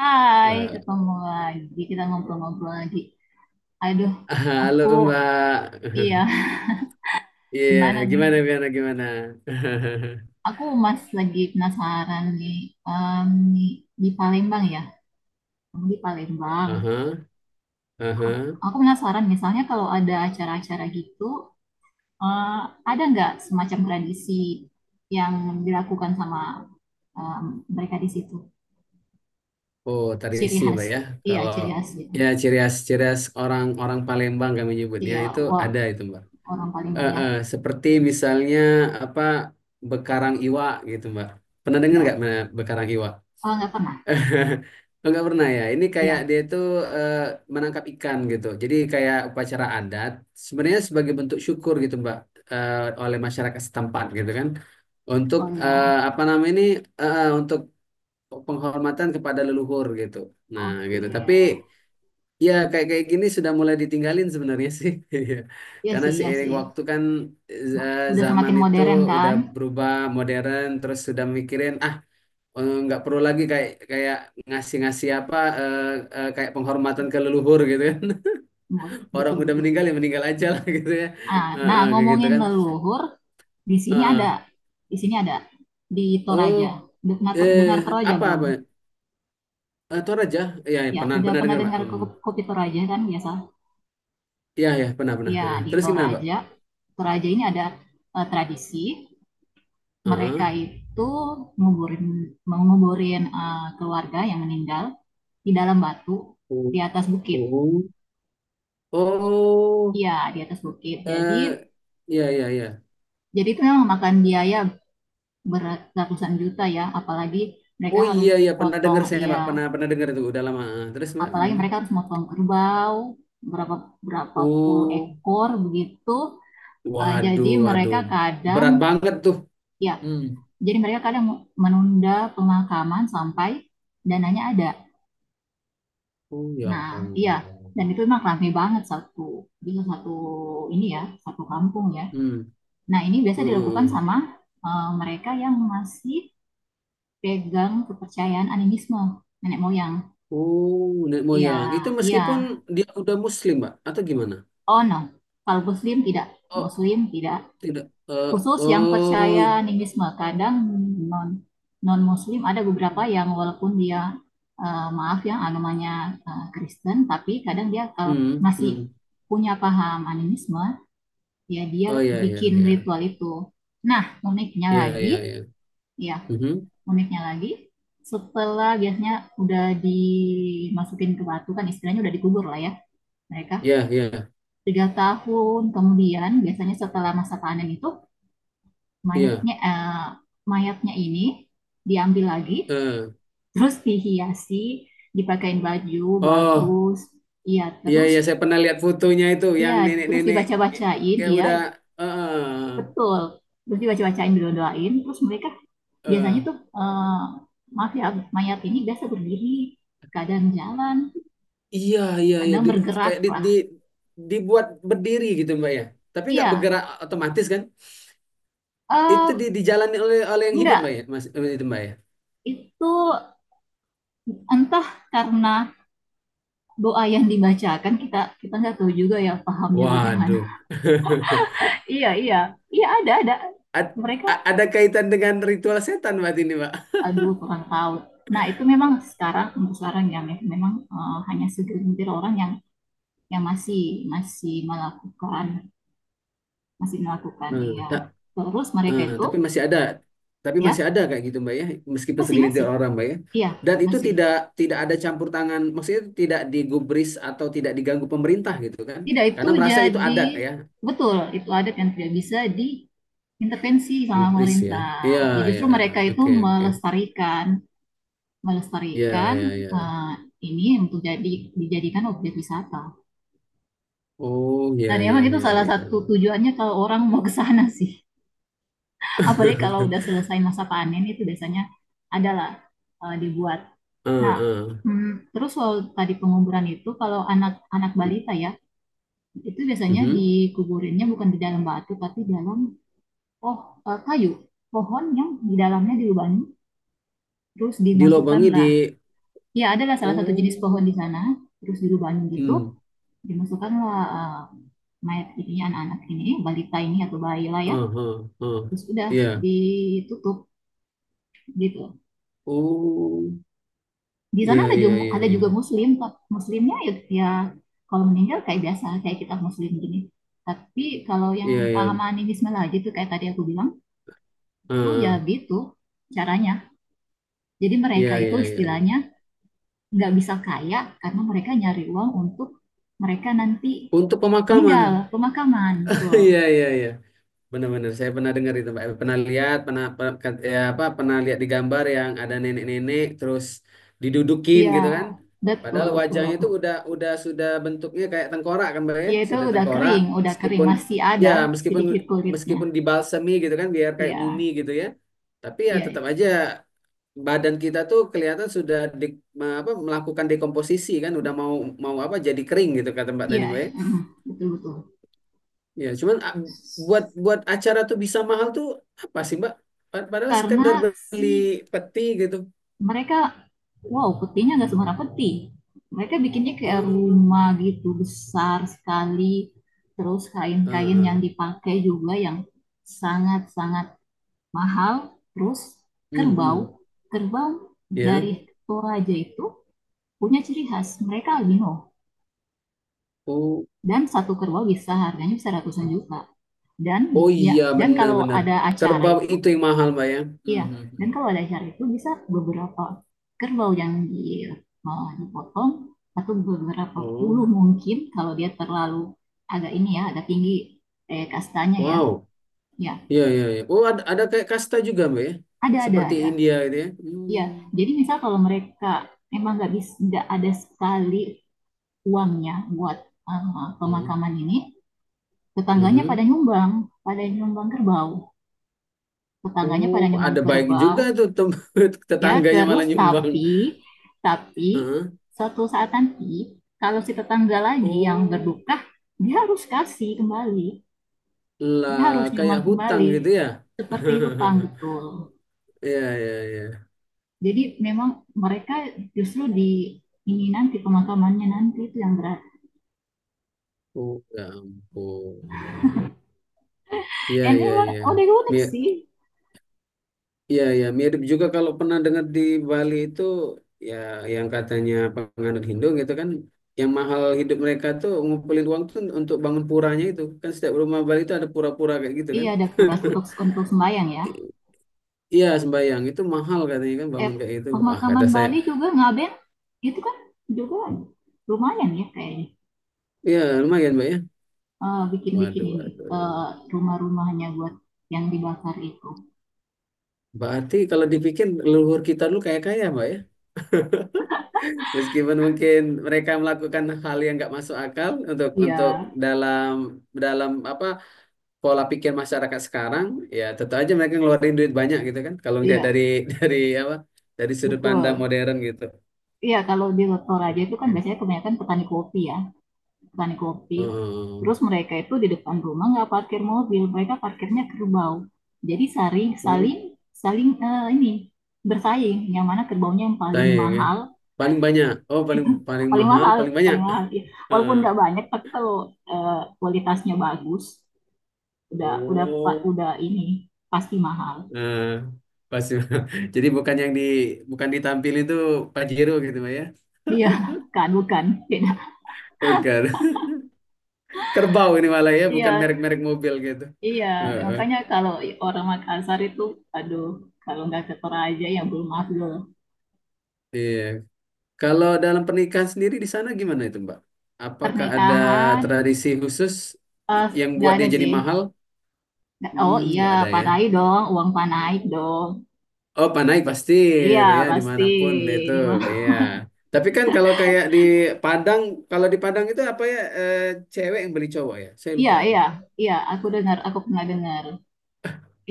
Hai, Eh, ketemu lagi. Kita ngobrol-ngobrol lagi. Aduh, Halo aku Mbak. iya, Iya, gimana gimana nih? gimana gimana? Aku Mas lagi penasaran em, nih, di Palembang ya. Kamu di Palembang. Aha, aha. Aku penasaran misalnya kalau ada acara-acara gitu, eh, ada nggak semacam tradisi yang dilakukan sama em, mereka di situ? Oh, Ciri tradisi khas, Mbak ya. iya Kalau, ciri khas gitu. ya ciri khas orang-orang Palembang kami nyebutnya Iya, itu wah ada itu Mbak. orang Palembang Eh, ya. eh, seperti misalnya apa bekarang iwa gitu Mbak. Pernah dengar Iya, nggak Mbak, bekarang iwa? oh nggak pernah. Enggak pernah ya. Ini kayak Iya, dia itu eh, menangkap ikan gitu. Jadi kayak upacara adat. Sebenarnya sebagai bentuk syukur gitu Mbak, eh, oleh masyarakat setempat gitu kan. Untuk oh ya, apa namanya ini, untuk penghormatan kepada leluhur gitu. Nah oke. gitu. Tapi ya kayak kayak gini sudah mulai ditinggalin sebenarnya sih. Iya. Iya Karena sih, iya seiring sih. waktu kan, Udah zaman semakin itu modern udah kan? berubah modern. Terus sudah mikirin, "Ah, nggak perlu lagi kayak kayak ngasih-ngasih apa, kayak penghormatan ke leluhur gitu kan, orang udah Betul-betul. meninggal ya meninggal aja lah, gitu ya." Ah, Eh, nah, eh, kayak gitu ngomongin kan. leluhur, di Eh, sini ada. eh. Di sini ada. Di Toraja. Oh, Udah pernah dengar eh Toraja apa belum? apa. Toraja. Ya ya, Ya, pernah udah pernah pernah dengar pak. dengar kopi Toraja kan biasa? Ya ya pernah pernah. Iya, Ah, di terus gimana pak? Toraja. Toraja ini ada tradisi. Mereka Heeh. itu nguburin, menguburin keluarga yang meninggal di dalam batu, Oh, di atas bukit. oh. Oh, Iya, di atas bukit. Jadi, eh ya ya ya. jadi itu memang makan biaya beratusan juta ya, apalagi mereka Oh harus iya iya pernah potong dengar saya ya, pak, pernah pernah dengar itu udah lama. Ah, terus mbak. apalagi Hmm. mereka harus potong kerbau berapa berapa puluh Oh, ekor begitu. Uh, jadi waduh mereka waduh, berat kadang banget tuh. ya, Hmm. jadi mereka kadang menunda pemakaman sampai dananya ada. Oh ya Nah, iya, Allah. dan itu memang ramai banget, satu bisa satu ini ya, satu kampung ya. Hmm. Nah ini biasa dilakukan Mm-mm. sama mereka yang masih pegang kepercayaan animisme nenek moyang. Oh, nenek moyang. Itu Ya, iya. meskipun dia udah muslim, Mbak, atau gimana? Oh no. Kalau Muslim tidak, Oh, Muslim tidak. tidak. Eh, Khusus yang percaya oh. animisme, kadang non non Muslim, ada beberapa yang walaupun dia maaf ya agamanya Kristen, tapi kadang dia kalau Hmm, hmm. masih punya paham animisme, ya dia Oh ya ya bikin ya. ritual itu. Nah, uniknya Ya ya lagi, ya. ya Mhm. uniknya lagi, setelah biasanya udah dimasukin ke batu kan istilahnya udah dikubur lah ya, mereka Ya ya 3 tahun kemudian biasanya setelah masa panen itu, ya. mayatnya eh, mayatnya ini diambil lagi, Eh. terus dihiasi, dipakein baju Oh, bagus. Iya, iya terus iya saya pernah lihat fotonya itu iya, yang terus nenek-nenek, eh, dibaca-bacain. kayak Iya udah eh eh, betul, terus dibaca-bacain didoain terus mereka biasanya eh. tuh maaf ya, mayat ini biasa berdiri, kadang jalan, Iya iya iya. kadang Di- bergerak kayak lah. di dibuat berdiri gitu, Mbak ya. Tapi nggak Iya, bergerak otomatis kan? Itu eh, di, dijalani oleh oleh yang hidup mbak enggak, ya mas, itu mbak ya. itu entah karena doa yang dibacakan, kita kita nggak tahu juga ya pahamnya bagaimana. Waduh. Iya iya iya, ada, Ad- mereka, a- ada kaitan dengan ritual setan mbak, ini mbak. aduh kurang tahu. Nah itu memang sekarang, untuk sekarang ya, memang hanya segelintir orang yang masih masih melakukan, Eh, iya. tak, Terus mereka eh, itu Tapi masih ada, tapi masih ya ada kayak gitu mbak ya, meskipun masih, segelintir orang mbak ya, iya, dan itu masih. tidak, tidak ada campur tangan, maksudnya tidak digubris atau tidak diganggu pemerintah gitu kan, Tidak, itu karena merasa itu jadi adat ya, betul, itu adat yang tidak bisa diintervensi sama gubris ya. Iya pemerintah. Ya iya justru iya, mereka itu oke oke. melestarikan, Iya melestarikan iya iya. eh, ini untuk dijadikan objek wisata. Oh iya Dan iya emang itu iya salah iya. satu tujuannya kalau orang mau ke sana sih. Apalagi kalau udah selesai masa panen itu, biasanya adalah dibuat. Eh, Nah, eh. mm, terus soal tadi penguburan itu, kalau anak-anak balita ya, itu biasanya Mhm. dikuburinnya bukan di dalam batu tapi dalam oh kayu, pohon yang di dalamnya dilubangi terus Dilobangi di. dimasukkanlah. Ya, adalah salah satu jenis pohon di Oh. sana, terus dilubangi gitu. Hmm. Dimasukkanlah mayat ininya, anak-anak ini, balita ini atau bayi lah ya. Ah ah. Ah. Terus udah Ya. ditutup gitu. Oh Di sana ya ya ya. ada juga Ya muslim, tapi muslimnya ya, ya kalau meninggal kayak biasa, kayak kita muslim gini. Tapi kalau yang ya ya. pahaman ini Bismillah aja tuh, kayak tadi aku bilang, Ah tuh ya ah. gitu caranya. Jadi mereka Ya itu ya ya ya. istilahnya nggak bisa kaya, karena mereka nyari uang untuk mereka nanti Untuk pemakaman. meninggal, pemakaman, betul. Ya ya ya. Benar-benar saya pernah dengar itu Mbak. Pernah lihat, pernah pernah- ya apa pernah lihat di gambar yang ada nenek-nenek terus didudukin Iya gitu kan. betul Padahal betul wajahnya itu betul. Udah sudah bentuknya kayak tengkorak kan Mbak ya, Iya itu sudah udah tengkorak kering, udah kering meskipun, masih ya ada meskipun, sedikit kulitnya. meskipun dibalsemi gitu kan biar kayak Iya mumi gitu ya. Tapi ya tetap iya aja badan kita tuh kelihatan sudah di-, apa melakukan dekomposisi kan udah mau, mau apa jadi kering gitu kata Mbak tadi iya, Mbak ya. mm, betul betul. Ya, cuman a- buat buat acara tuh bisa mahal tuh apa sih, Mbak? Pa- Padahal sekedar Karena beli si peti gitu. mereka, wow, petinya nggak sembarang peti, mereka bikinnya kayak Hmm. rumah gitu, besar sekali. Terus kain-kain Ah, yang dipakai juga yang sangat-sangat mahal, terus hmm, kerbau, hmm. kerbau Ya. dari Toraja itu punya ciri khas, mereka albino, Oh, dan satu kerbau bisa harganya bisa ratusan juta. Dan oh ya, iya dan kalau benar-benar. ada acara Kerbau itu, itu yang mahal, Mbak ya. Hmm, iya, hmm, hmm. dan kalau ada acara itu bisa beberapa kerbau yang di, mau dipotong, atau beberapa puluh, Oh, mungkin kalau dia terlalu agak ini ya, agak tinggi kastanya ya, wow. ya, Iya, iya, iya. Oh, ada kayak kasta juga, Mbak ya. Ada Seperti ada. India gitu ya. Hmm. Ya jadi misal kalau mereka memang nggak bisa, nggak ada sekali uangnya buat Hmm. pemakaman ini, tetangganya Mhm. Pada nyumbang kerbau. Tetangganya Oh, pada nyumbang ada baik kerbau. juga tuh tem- Ya, tetangganya terus malah nyumbang. tapi Heeh. suatu saat nanti kalau si tetangga lagi yang Oh. berduka, dia harus kasih kembali. Dia Lah, harus kayak nyumbang hutang kembali. gitu ya? Seperti hutang, betul. Iya, iya, iya. Jadi memang mereka justru di ini, nanti pemakamannya nanti itu yang berat. Oh, ya ampun. Iya, Dan iya, emang iya. udah unik Mir sih. iya, iya. Mirip juga kalau pernah dengar di Bali itu, ya yang katanya penganut Hindu gitu kan, yang mahal hidup mereka tuh ngumpulin uang tuh untuk bangun puranya itu. Kan setiap rumah Bali itu ada pura-pura kayak gitu Iya kan. ada kuras untuk sembahyang ya. Iya, sembayang. Itu mahal katanya kan eh, bangun kayak gitu. Ah, kata Pemakaman saya. Bali juga Ngaben itu kan juga lumayan ya kayaknya, Iya, lumayan, Mbak ya. Bikin-bikin Waduh, ini, eh, waduh. rumah-rumahnya buat yang dibakar itu. Berarti kalau dipikir leluhur kita dulu kaya-kaya, Mbak ya. Meskipun mungkin mereka melakukan hal yang nggak masuk akal untuk Iya, dalam, dalam apa pola pikir masyarakat sekarang, ya tentu aja mereka ngeluarin duit banyak gitu kan. Kalau ngelihat dari iya, dari apa dari sudut pandang betul. modern gitu. Iya, kalau di Toraja itu kan Iya. biasanya kebanyakan petani kopi ya, petani kopi. Oh, Terus mereka itu di depan rumah nggak parkir mobil, mereka parkirnya kerbau. Jadi saling saling oh, saling ini bersaing, yang mana kerbaunya yang paling saya ya. Ya. mahal, Paling banyak. Oh, paling paling paling mahal, mahal, paling banyak. paling mahal ya. Heeh. Walaupun nggak banyak tapi kalau kualitasnya bagus, udah udah Oh, udah ini pasti mahal. eh, pasti. Jadi bukan yang di, bukan ditampil itu Pajero gitu Pak, ya. Iya, kan bukan. Bukan. Kerbau ini malah ya, bukan Iya merek-merek mobil gitu. iya, Heeh. makanya kalau orang Makassar itu, aduh, kalau nggak ke Toraja ya belum afdol. Iya. Kalau dalam pernikahan sendiri di sana gimana itu, Mbak? Apakah ada Pernikahan tradisi khusus eh, yang nggak buat dia ada jadi sih. mahal? Oh Hmm, iya, nggak ada ya. panai dong, uang panai dong. Oh, panai pasti Iya gitu ya, pasti, dimanapun itu. di mana. Iya. Tapi kan kalau kayak di Padang, kalau di Padang itu apa ya, cewek yang beli cowok ya? Saya Iya lupa itu. iya iya, aku dengar, aku pernah dengar.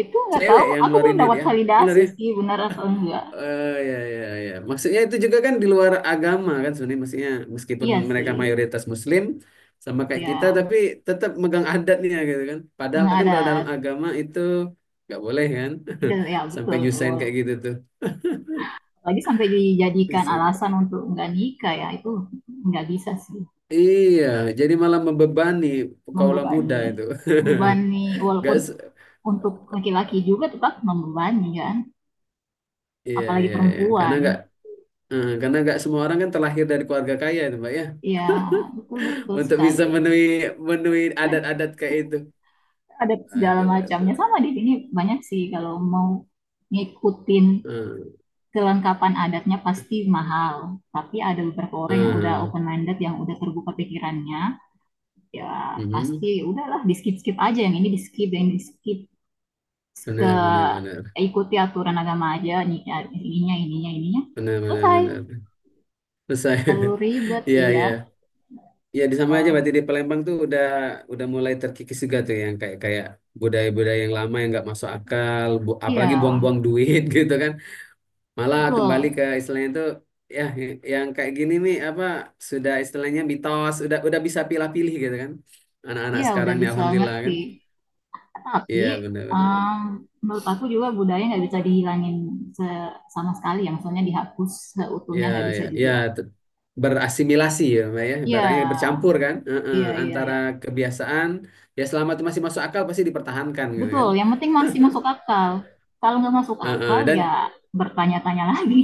Itu nggak Cewek tahu, yang aku belum ngeluarin duit dapat ya, bener validasi ya? sih benar atau enggak. Ya ya ya. Maksudnya itu juga kan di luar agama kan sebenarnya maksudnya meskipun Iya mereka sih, mayoritas Muslim sama kayak kita ya tapi tetap megang adatnya gitu kan. Padahal nggak kan ada, kalau dalam agama itu nggak boleh kan, tidak ya sampai betul, nggak nyusahin boleh. kayak gitu tuh. Lagi sampai dijadikan alasan untuk nggak nikah ya, itu nggak bisa sih, Iya, jadi malah membebani kaula muda membebani, itu. membebani. Nggak, Walaupun se- untuk laki-laki juga tetap membebani kan, iya apalagi iya iya. Karena nggak, perempuan. Karena nggak semua orang kan terlahir dari keluarga kaya itu mbak ya, Ya betul betul untuk bisa sekali. menuhi, menuhi adat-adat kayak itu. Ada segala Aduh macamnya, aduh. sama di sini banyak sih kalau mau ngikutin Eee, kelengkapan adatnya pasti mahal, tapi ada beberapa orang yang udah heeh, open minded, yang udah terbuka pikirannya, ya pasti mhm, udahlah, di skip skip aja, yang ini di skip, yang ini di skip, ke benar benar benar. ikuti aturan agama aja, ininya ininya ininya, Benar benar selesai. benar. Terus saya Perlu ribet, iya iya, iya. Ya di sama aja oh, berarti di Palembang tuh udah mulai terkikis juga tuh yang kayak kayak budaya-budaya yang lama yang nggak masuk akal, bu- apalagi buang-buang iya, duit gitu kan. Malah kembali betul, ke istilahnya tuh, ya y- yang kayak gini nih apa sudah istilahnya mitos, udah bisa pilih-pilih gitu kan. Anak-anak iya udah sekarang nih bisa alhamdulillah ngerti. kan. Tapi Iya benar benar. um, menurut aku juga budaya nggak bisa dihilangin sama sekali, yang soalnya dihapus seutuhnya Ya, nggak bisa ya, ya, juga. te- berasimilasi ya, Mbak ya, Ya, barangnya bercampur kan. Heeh, iya, iya, antara iya. kebiasaan, ya selama itu masih masuk akal pasti dipertahankan gitu Betul, kan. yang penting masih masuk akal. Kalau nggak masuk akal, Heeh, ya bertanya-tanya lagi.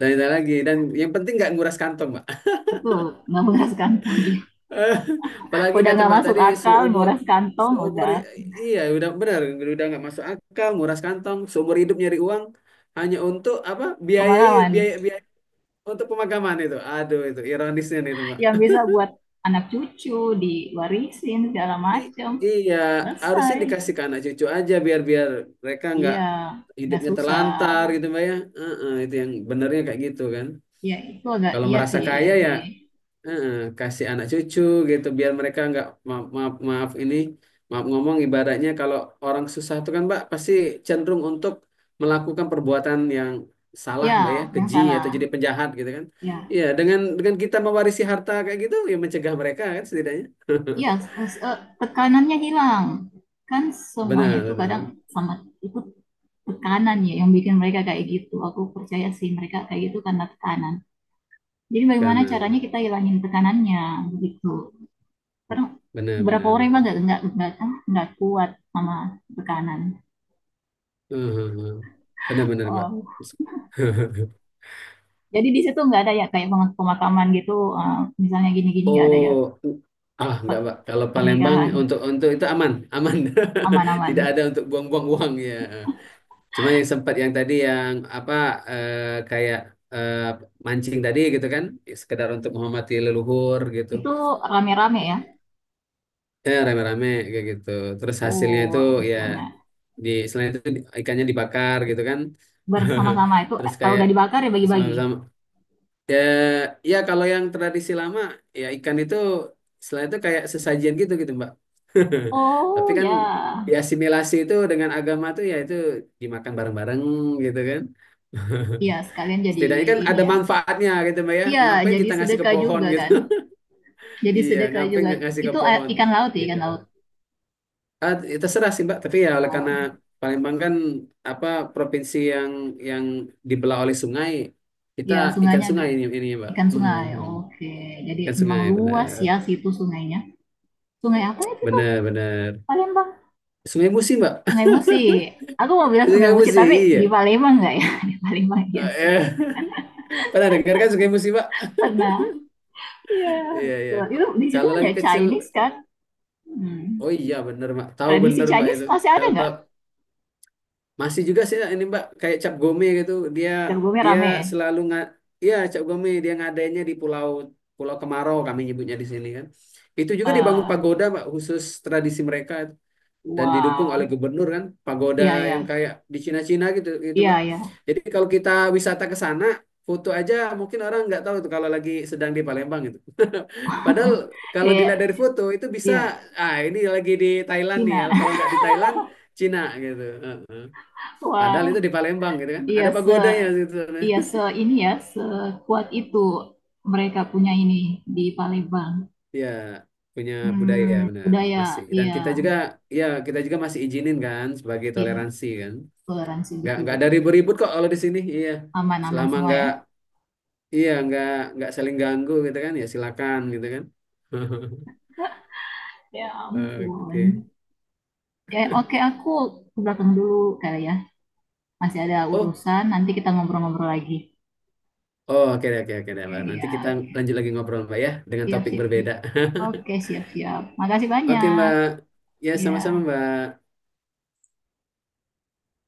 dan ada lagi dan yang penting nggak nguras kantong Mbak. Betul, nggak nguras kantong. Iya. Apalagi Udah kata nggak Mbak masuk tadi akal, seumur, nguras kantong, seumur, udah iya udah benar, udah nggak masuk akal nguras kantong seumur hidup nyari uang hanya untuk apa biayai pengalaman. biaya biaya, untuk pemakaman itu, aduh itu ironisnya nih itu. Yang bisa buat anak cucu, diwarisin, segala I- macam, Iya, harusnya selesai. dikasih ke anak cucu aja biar biar mereka nggak Iya, nggak hidupnya susah. terlantar gitu Mbak ya. Heeh, itu yang benernya kayak gitu kan. Ya, itu agak Kalau iya merasa sih, ya, kaya ya, sih. heeh, kasih anak cucu gitu biar mereka nggak, maaf, maaf maaf ini, maaf ngomong ibaratnya kalau orang susah tuh kan Mbak pasti cenderung untuk melakukan perbuatan yang salah Ya, Mbak ya, yang keji atau jadi salah. penjahat gitu kan. Ya, Iya, dengan kita mewarisi harta kayak gitu ya mencegah mereka kan setidaknya. ya tekanannya hilang. Kan semuanya Benar, itu kadang benar. sama, itu tekanan ya yang bikin mereka kayak gitu. Aku percaya sih mereka kayak gitu karena tekanan. Jadi bagaimana caranya Kanan. kita hilangin tekanannya gitu. Karena Benar, beberapa benar, orang emang benar. nggak kuat sama tekanan. Eh, eh, eh. Benar, benar, Mbak. Oh, jadi di situ nggak ada ya kayak pemakaman gitu, eh, misalnya gini-gini nggak ada ya, Oh, ah, nggak, Mbak. Kalau Palembang pernikahan, untuk itu aman, aman. aman-aman. Tidak ada untuk buang-buang uang ya. Cuma yang sempat yang tadi yang apa, kayak, eh, mancing tadi gitu kan, sekedar untuk menghormati leluhur gitu. Itu rame-rame ya. Eh, rame-rame kayak gitu. Terus hasilnya itu Oh, ya misalnya di selain itu di- ikannya dibakar gitu kan. bersama-sama itu, Terus kalau kayak udah dibakar ya bagi-bagi. bersama-sama. Ya, ya kalau yang tradisi lama ya ikan itu setelah itu kayak sesajian gitu gitu Mbak. Tapi Oh kan ya, diasimilasi itu dengan agama tuh ya itu dimakan bareng-bareng gitu kan. ya sekalian jadi Setidaknya kan ini ada ya. manfaatnya gitu Mbak ya. Iya, Ngapain jadi kita ngasih ke sedekah pohon juga gitu. kan. Jadi Iya, sedekah ngapain juga. nggak ngasih ke Itu pohon. ikan laut ya, Iya. ikan laut. Ah, ya terserah sih Mbak, tapi ya oleh karena Oh, Palembang kan apa provinsi yang dibelah oleh sungai, kita ya ikan sungainya sungai ini Mbak. ikan Mm, sungai. mm, mm. Oke, jadi Ikan memang sungai. luas ya situ sungainya. Sungai apa ya itu, Benar-benar. Palembang. Sungai Musi, Mbak. Sungai Musi. Aku mau bilang Sungai Sungai Musi, Musi, tapi di iya. Palembang nggak ya? Di Palembang ya sih. Eh, pernah dengar kan Sungai Musi, Mbak? Pernah. Iya, Iya, iya. betul. Itu di situ Kalau lagi banyak kecil, Chinese kan. Hmm. oh iya benar, Mbak. Tahu Tradisi benar, Mbak Chinese itu. masih ada Kalau nggak? masih juga sih ini, Mbak, kayak cap gome gitu. Dia Jagungnya dia rame ya? selalu nggak, iya, cap gome dia ngadainnya di pulau Pulau Kemarau kami nyebutnya di sini kan. Itu juga dibangun Eh, pagoda, Mbak, khusus tradisi mereka. Dan didukung wah, oleh gubernur kan pagoda iya ya, yang kayak di Cina-Cina gitu gitu iya Mbak. ya. Jadi kalau kita wisata ke sana foto aja mungkin orang nggak tahu tuh kalau lagi sedang di Palembang gitu. Padahal kalau Kayak dilihat dari foto itu bisa, iya, ah ini lagi di Thailand nih ya Cina. kalau nggak di Thailand, Cina gitu. Heeh. Padahal itu Wah, di Palembang gitu kan. iya Ada se, pagodanya gitu. iya se ini ya, sekuat itu mereka punya ini di Palembang. Ya punya budaya Hmm, benar, budaya, masih, dan kita iya, juga ya kita juga masih izinin kan sebagai iya, toleransi kan, toleransi nggak ada betul-betul, ribut-ribut kok kalau di sini iya, aman-aman selama semua nggak, ya. iya, nggak saling ganggu gitu kan ya silakan gitu kan. Ya ampun. Oke. Ya oke, aku ke belakang dulu kali ya. Masih ada Oh, urusan, nanti kita ngobrol-ngobrol lagi. oh oke deh, oke oke deh, Mbak. Oke, Nanti ya. kita lanjut lagi ngobrol Mbak ya dengan Siap, topik siap, siap. berbeda. Oke, siap-siap. Makasih Oke banyak. Mbak. Ya sama-sama Ya. Mbak.